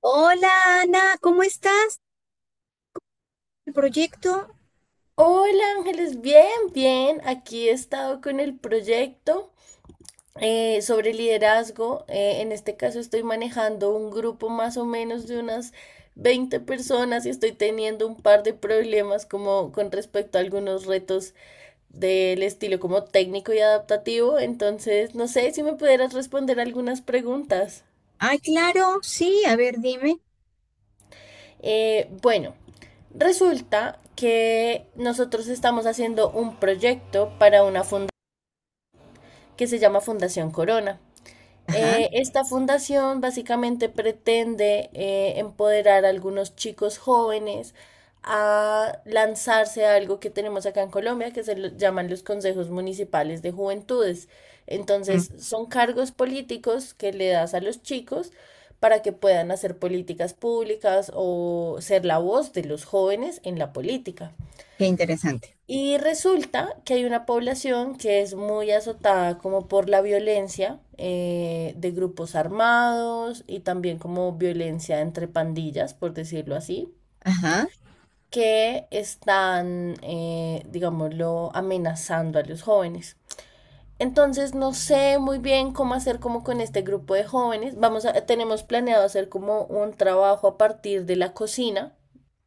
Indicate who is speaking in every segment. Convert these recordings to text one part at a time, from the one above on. Speaker 1: Hola Ana, ¿cómo estás? ¿El proyecto?
Speaker 2: Hola Ángeles, bien, bien. Aquí he estado con el proyecto sobre liderazgo. En este caso estoy manejando un grupo más o menos de unas 20 personas y estoy teniendo un par de problemas como con respecto a algunos retos del estilo como técnico y adaptativo. Entonces, no sé si me pudieras responder algunas preguntas.
Speaker 1: Ah, claro, sí, a ver, dime.
Speaker 2: Bueno, resulta que nosotros estamos haciendo un proyecto para una fundación que se llama Fundación Corona.
Speaker 1: Ajá.
Speaker 2: Esta fundación básicamente pretende empoderar a algunos chicos jóvenes a lanzarse a algo que tenemos acá en Colombia que llaman los consejos municipales de juventudes.
Speaker 1: Mm.
Speaker 2: Entonces, son cargos políticos que le das a los chicos para que puedan hacer políticas públicas o ser la voz de los jóvenes en la política.
Speaker 1: Qué interesante.
Speaker 2: Y resulta que hay una población que es muy azotada como por la violencia de grupos armados y también como violencia entre pandillas, por decirlo así,
Speaker 1: Ajá,
Speaker 2: que están, digámoslo, amenazando a los jóvenes. Entonces no sé muy bien cómo hacer como con este grupo de jóvenes. Tenemos planeado hacer como un trabajo a partir de la cocina,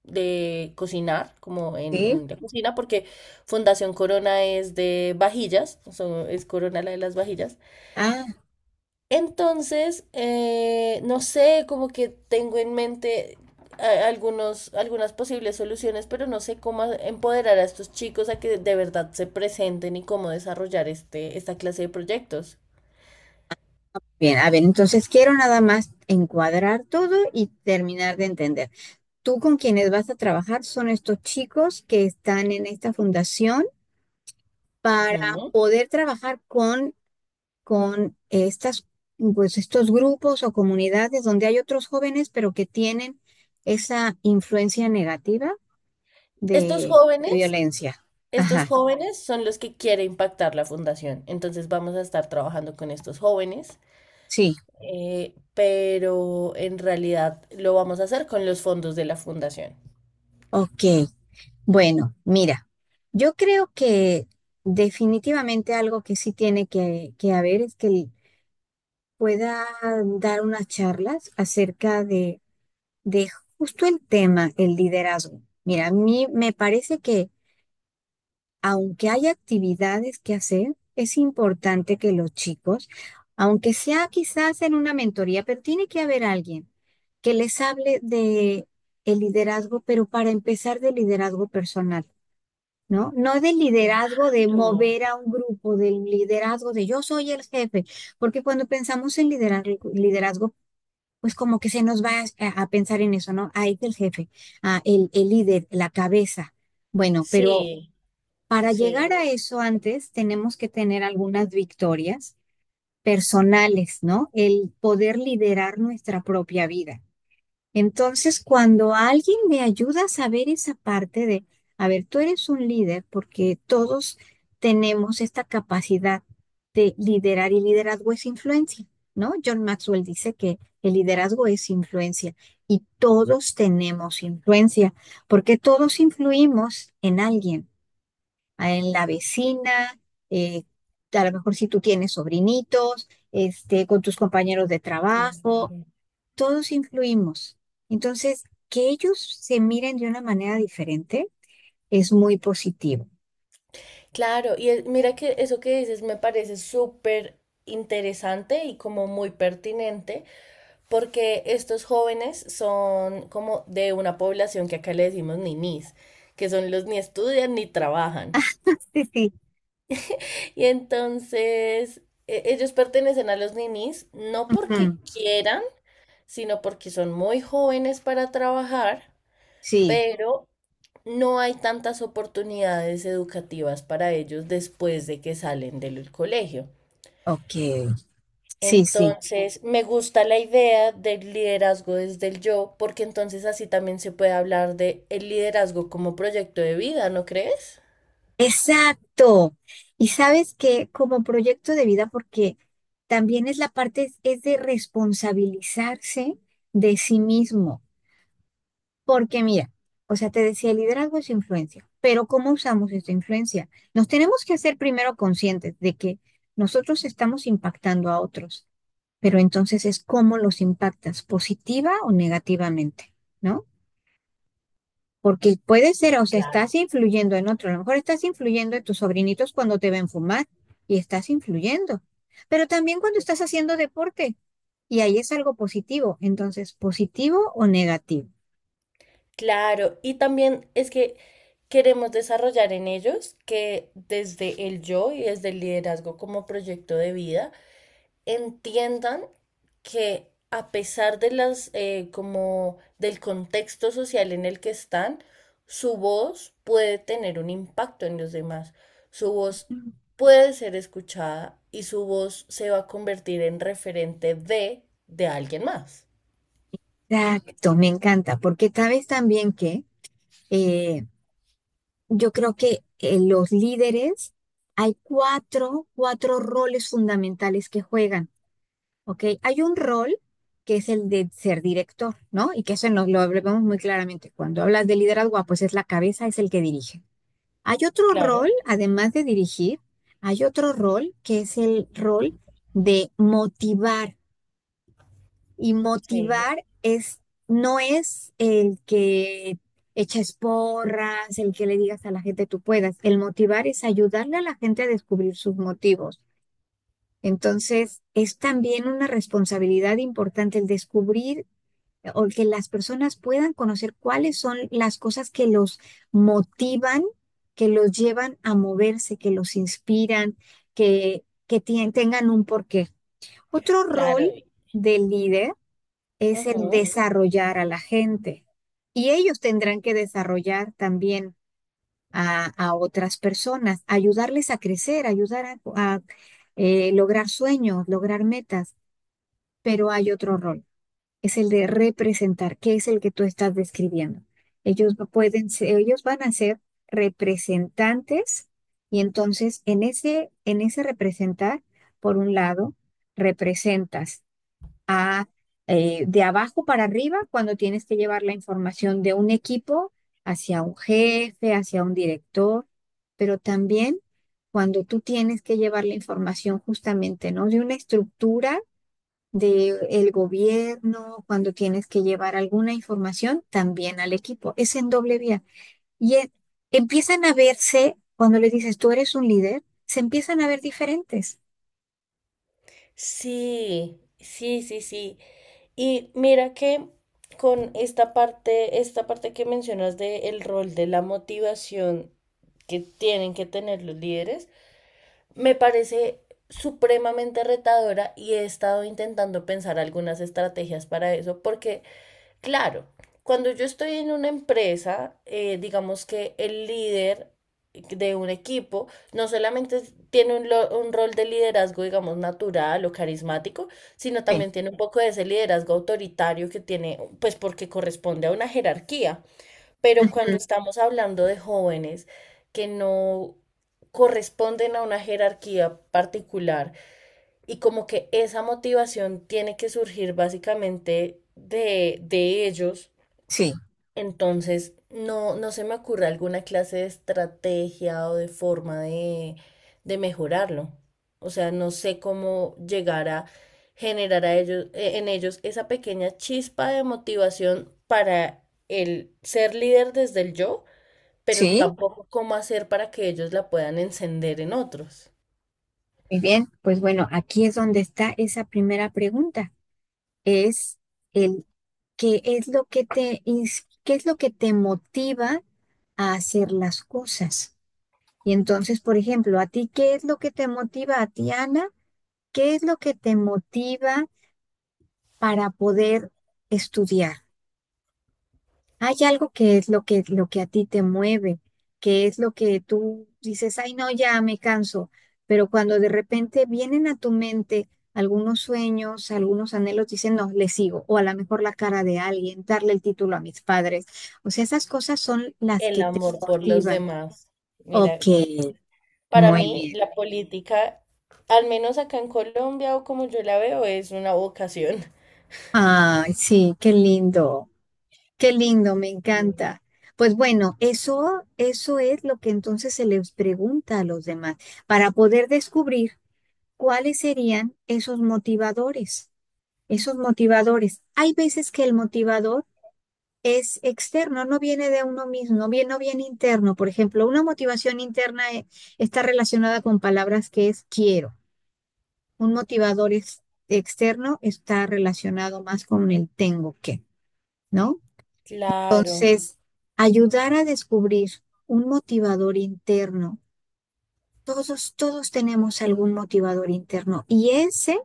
Speaker 2: de cocinar, como
Speaker 1: sí.
Speaker 2: en la cocina, porque Fundación Corona es de vajillas, es Corona la de las vajillas.
Speaker 1: Ah,
Speaker 2: Entonces, no sé, como que tengo en mente algunos, algunas posibles soluciones, pero no sé cómo empoderar a estos chicos a que de verdad se presenten y cómo desarrollar este, esta clase de proyectos.
Speaker 1: bien, a ver, entonces quiero nada más encuadrar todo y terminar de entender. Tú con quienes vas a trabajar son estos chicos que están en esta fundación para
Speaker 2: Ujú.
Speaker 1: poder trabajar con estas, pues, estos grupos o comunidades donde hay otros jóvenes, pero que tienen esa influencia negativa.
Speaker 2: Estos
Speaker 1: de, de
Speaker 2: jóvenes,
Speaker 1: violencia.
Speaker 2: estos
Speaker 1: Ajá,
Speaker 2: jóvenes son los que quiere impactar la fundación. Entonces vamos a estar trabajando con estos jóvenes,
Speaker 1: sí,
Speaker 2: pero en realidad lo vamos a hacer con los fondos de la fundación.
Speaker 1: ok. Bueno, mira, yo creo que definitivamente algo que sí tiene que haber es que él pueda dar unas charlas acerca de justo el tema, el liderazgo. Mira, a mí me parece que aunque hay actividades que hacer, es importante que los chicos, aunque sea quizás en una mentoría, pero tiene que haber alguien que les hable de el liderazgo, pero para empezar del liderazgo personal, ¿no? No del liderazgo de
Speaker 2: Claro.
Speaker 1: mover a un grupo, del liderazgo de yo soy el jefe, porque cuando pensamos en liderazgo, liderazgo pues como que se nos va a pensar en eso, ¿no? Ahí es el jefe, ah, el líder, la cabeza. Bueno, pero
Speaker 2: Sí,
Speaker 1: para llegar
Speaker 2: sí.
Speaker 1: a eso antes tenemos que tener algunas victorias personales, ¿no? El poder liderar nuestra propia vida. Entonces, cuando alguien me ayuda a saber esa parte de, a ver, tú eres un líder porque todos tenemos esta capacidad de liderar y liderazgo es influencia, ¿no? John Maxwell dice que el liderazgo es influencia y todos tenemos influencia porque todos influimos en alguien en la vecina, eh, a lo mejor si tú tienes sobrinitos, este, con tus compañeros de trabajo,
Speaker 2: Claro,
Speaker 1: todos influimos. Entonces, que ellos se miren de una manera diferente es muy positivo.
Speaker 2: claro, mira que eso que dices me parece súper interesante y como muy pertinente, porque estos jóvenes son como de una población que acá le decimos ninis, que son los ni estudian ni trabajan.
Speaker 1: Sí, sí.
Speaker 2: Y entonces ellos pertenecen a los ninis no porque
Speaker 1: Ujú.
Speaker 2: quieran, sino porque son muy jóvenes para trabajar,
Speaker 1: Sí,
Speaker 2: pero no hay tantas oportunidades educativas para ellos después de que salen del colegio.
Speaker 1: ok. Sí, sí.
Speaker 2: Entonces, me gusta la idea del liderazgo desde el yo, porque entonces así también se puede hablar de el liderazgo como proyecto de vida, ¿no crees?
Speaker 1: Exacto. Y sabes que como proyecto de vida, porque también es la parte, es de responsabilizarse de sí mismo. Porque mira, o sea, te decía, el liderazgo es influencia, pero ¿cómo usamos esta influencia? Nos tenemos que hacer primero conscientes de que nosotros estamos impactando a otros, pero entonces es cómo los impactas, positiva o negativamente, ¿no? Porque puede ser, o sea,
Speaker 2: Claro.
Speaker 1: estás influyendo en otro, a lo mejor estás influyendo en tus sobrinitos cuando te ven fumar y estás influyendo, pero también cuando estás haciendo deporte y ahí es algo positivo, entonces, positivo o negativo.
Speaker 2: Claro, y también es que queremos desarrollar en ellos que desde el yo y desde el liderazgo como proyecto de vida entiendan que a pesar de las, como del contexto social en el que están, su voz puede tener un impacto en los demás. Su voz puede ser escuchada y su voz se va a convertir en referente de alguien más.
Speaker 1: Exacto, me encanta, porque sabes también que eh, yo creo que los líderes, hay 4 roles fundamentales que juegan, ¿ok? Hay un rol que es el de ser director, ¿no? Y que eso nos lo vemos muy claramente. Cuando hablas de liderazgo, ah, pues es la cabeza, es el que dirige. Hay otro
Speaker 2: Claro,
Speaker 1: rol, además de dirigir, hay otro rol que es el rol de motivar. Y
Speaker 2: sí,
Speaker 1: motivar es, no es el que eches porras, el que le digas a la gente tú puedas. El motivar es ayudarle a la gente a descubrir sus motivos. Entonces, es también una responsabilidad importante el descubrir o que las personas puedan conocer cuáles son las cosas que los motivan, que los llevan a moverse, que los inspiran, que tengan un porqué. Otro
Speaker 2: claro.
Speaker 1: rol del líder es el
Speaker 2: Ujú.
Speaker 1: desarrollar a la gente. Y ellos tendrán que desarrollar también a otras personas, ayudarles a crecer, ayudar a lograr sueños, lograr metas. Pero hay otro rol, es el de representar, que es el que tú estás describiendo. Ellos no pueden ser- Ellos van a ser representantes y entonces en en ese representar, por un lado, representas de abajo para arriba cuando tienes que llevar la información de un equipo hacia un jefe, hacia un director, pero también cuando tú tienes que llevar la información justamente, ¿no? De una estructura del gobierno, cuando tienes que llevar alguna información también al equipo. Es en doble vía. Y e- Empiezan a verse, cuando les dices, tú eres un líder, se empiezan a ver diferentes.
Speaker 2: Sí, sí, sí, sí. Y mira que con esta parte que mencionas del rol de la motivación que tienen que tener los líderes, me parece supremamente retadora y he estado intentando pensar algunas estrategias para eso, porque claro, cuando yo estoy en una empresa, digamos que el líder de un equipo no solamente tiene un rol de liderazgo, digamos, natural o carismático, sino
Speaker 1: Sí.
Speaker 2: también tiene un poco de ese liderazgo autoritario que tiene, pues porque corresponde a una jerarquía. Pero cuando
Speaker 1: Ujú.
Speaker 2: estamos hablando de jóvenes que no corresponden a una jerarquía particular y como que esa motivación tiene que surgir básicamente de ellos
Speaker 1: Sí,
Speaker 2: entonces, no, no se me ocurre alguna clase de estrategia o de forma de mejorarlo. O sea, no sé cómo llegar a generar a ellos, en ellos esa pequeña chispa de motivación para el ser líder desde el yo, pero
Speaker 1: sí.
Speaker 2: tampoco cómo hacer para que ellos la puedan encender en otros.
Speaker 1: Muy bien, pues bueno, aquí es donde está esa primera pregunta. Es el qué es lo que te motiva a hacer las cosas. Y entonces, por ejemplo, a ti, ¿qué es lo que te motiva a ti, Ana? ¿Qué es lo que te motiva para poder estudiar? Hay algo que es lo lo que a ti te mueve, que es lo que tú dices, ay, no, ya me canso, pero cuando de repente vienen a tu mente algunos sueños, algunos anhelos, dicen, no, le sigo, o a lo mejor la cara de alguien, darle el título a mis padres. O sea, esas cosas son las
Speaker 2: El
Speaker 1: que te
Speaker 2: amor por los
Speaker 1: motivan.
Speaker 2: demás.
Speaker 1: Ok,
Speaker 2: Mira, para
Speaker 1: muy
Speaker 2: mí
Speaker 1: bien.
Speaker 2: la política, al menos acá en Colombia o como yo la veo, es una vocación.
Speaker 1: Ay, sí, qué lindo. Qué lindo, me
Speaker 2: Mm.
Speaker 1: encanta. Pues bueno, eso es lo que entonces se les pregunta a los demás para poder descubrir cuáles serían esos motivadores. Esos motivadores. Hay veces que el motivador es externo, no viene de uno mismo, no viene interno. Por ejemplo, una motivación interna está relacionada con palabras que es quiero. Un motivador externo está relacionado más con el tengo que, ¿no?
Speaker 2: Claro,
Speaker 1: Entonces, ayudar a descubrir un motivador interno. Todos tenemos algún motivador interno y ese,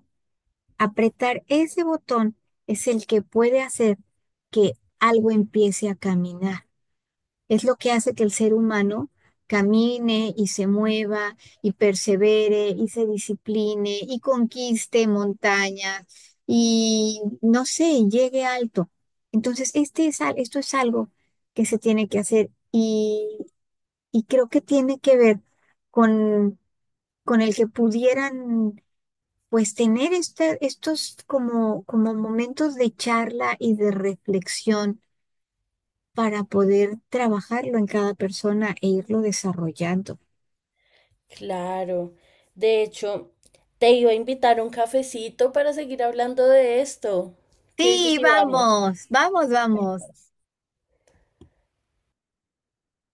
Speaker 1: apretar ese botón es el que puede hacer que algo empiece a caminar. Es lo que hace que el ser humano camine y se mueva y persevere y se discipline y conquiste montañas y no sé, llegue alto. Entonces, esto es algo que se tiene que hacer y creo que tiene que ver con, con el que pudieran pues tener estos como, como momentos de charla y de reflexión para poder trabajarlo en cada persona e irlo desarrollando.
Speaker 2: claro. De hecho, te iba a invitar un cafecito para seguir hablando de esto. ¿Qué dices
Speaker 1: Sí,
Speaker 2: si vamos?
Speaker 1: vamos, vamos, vamos.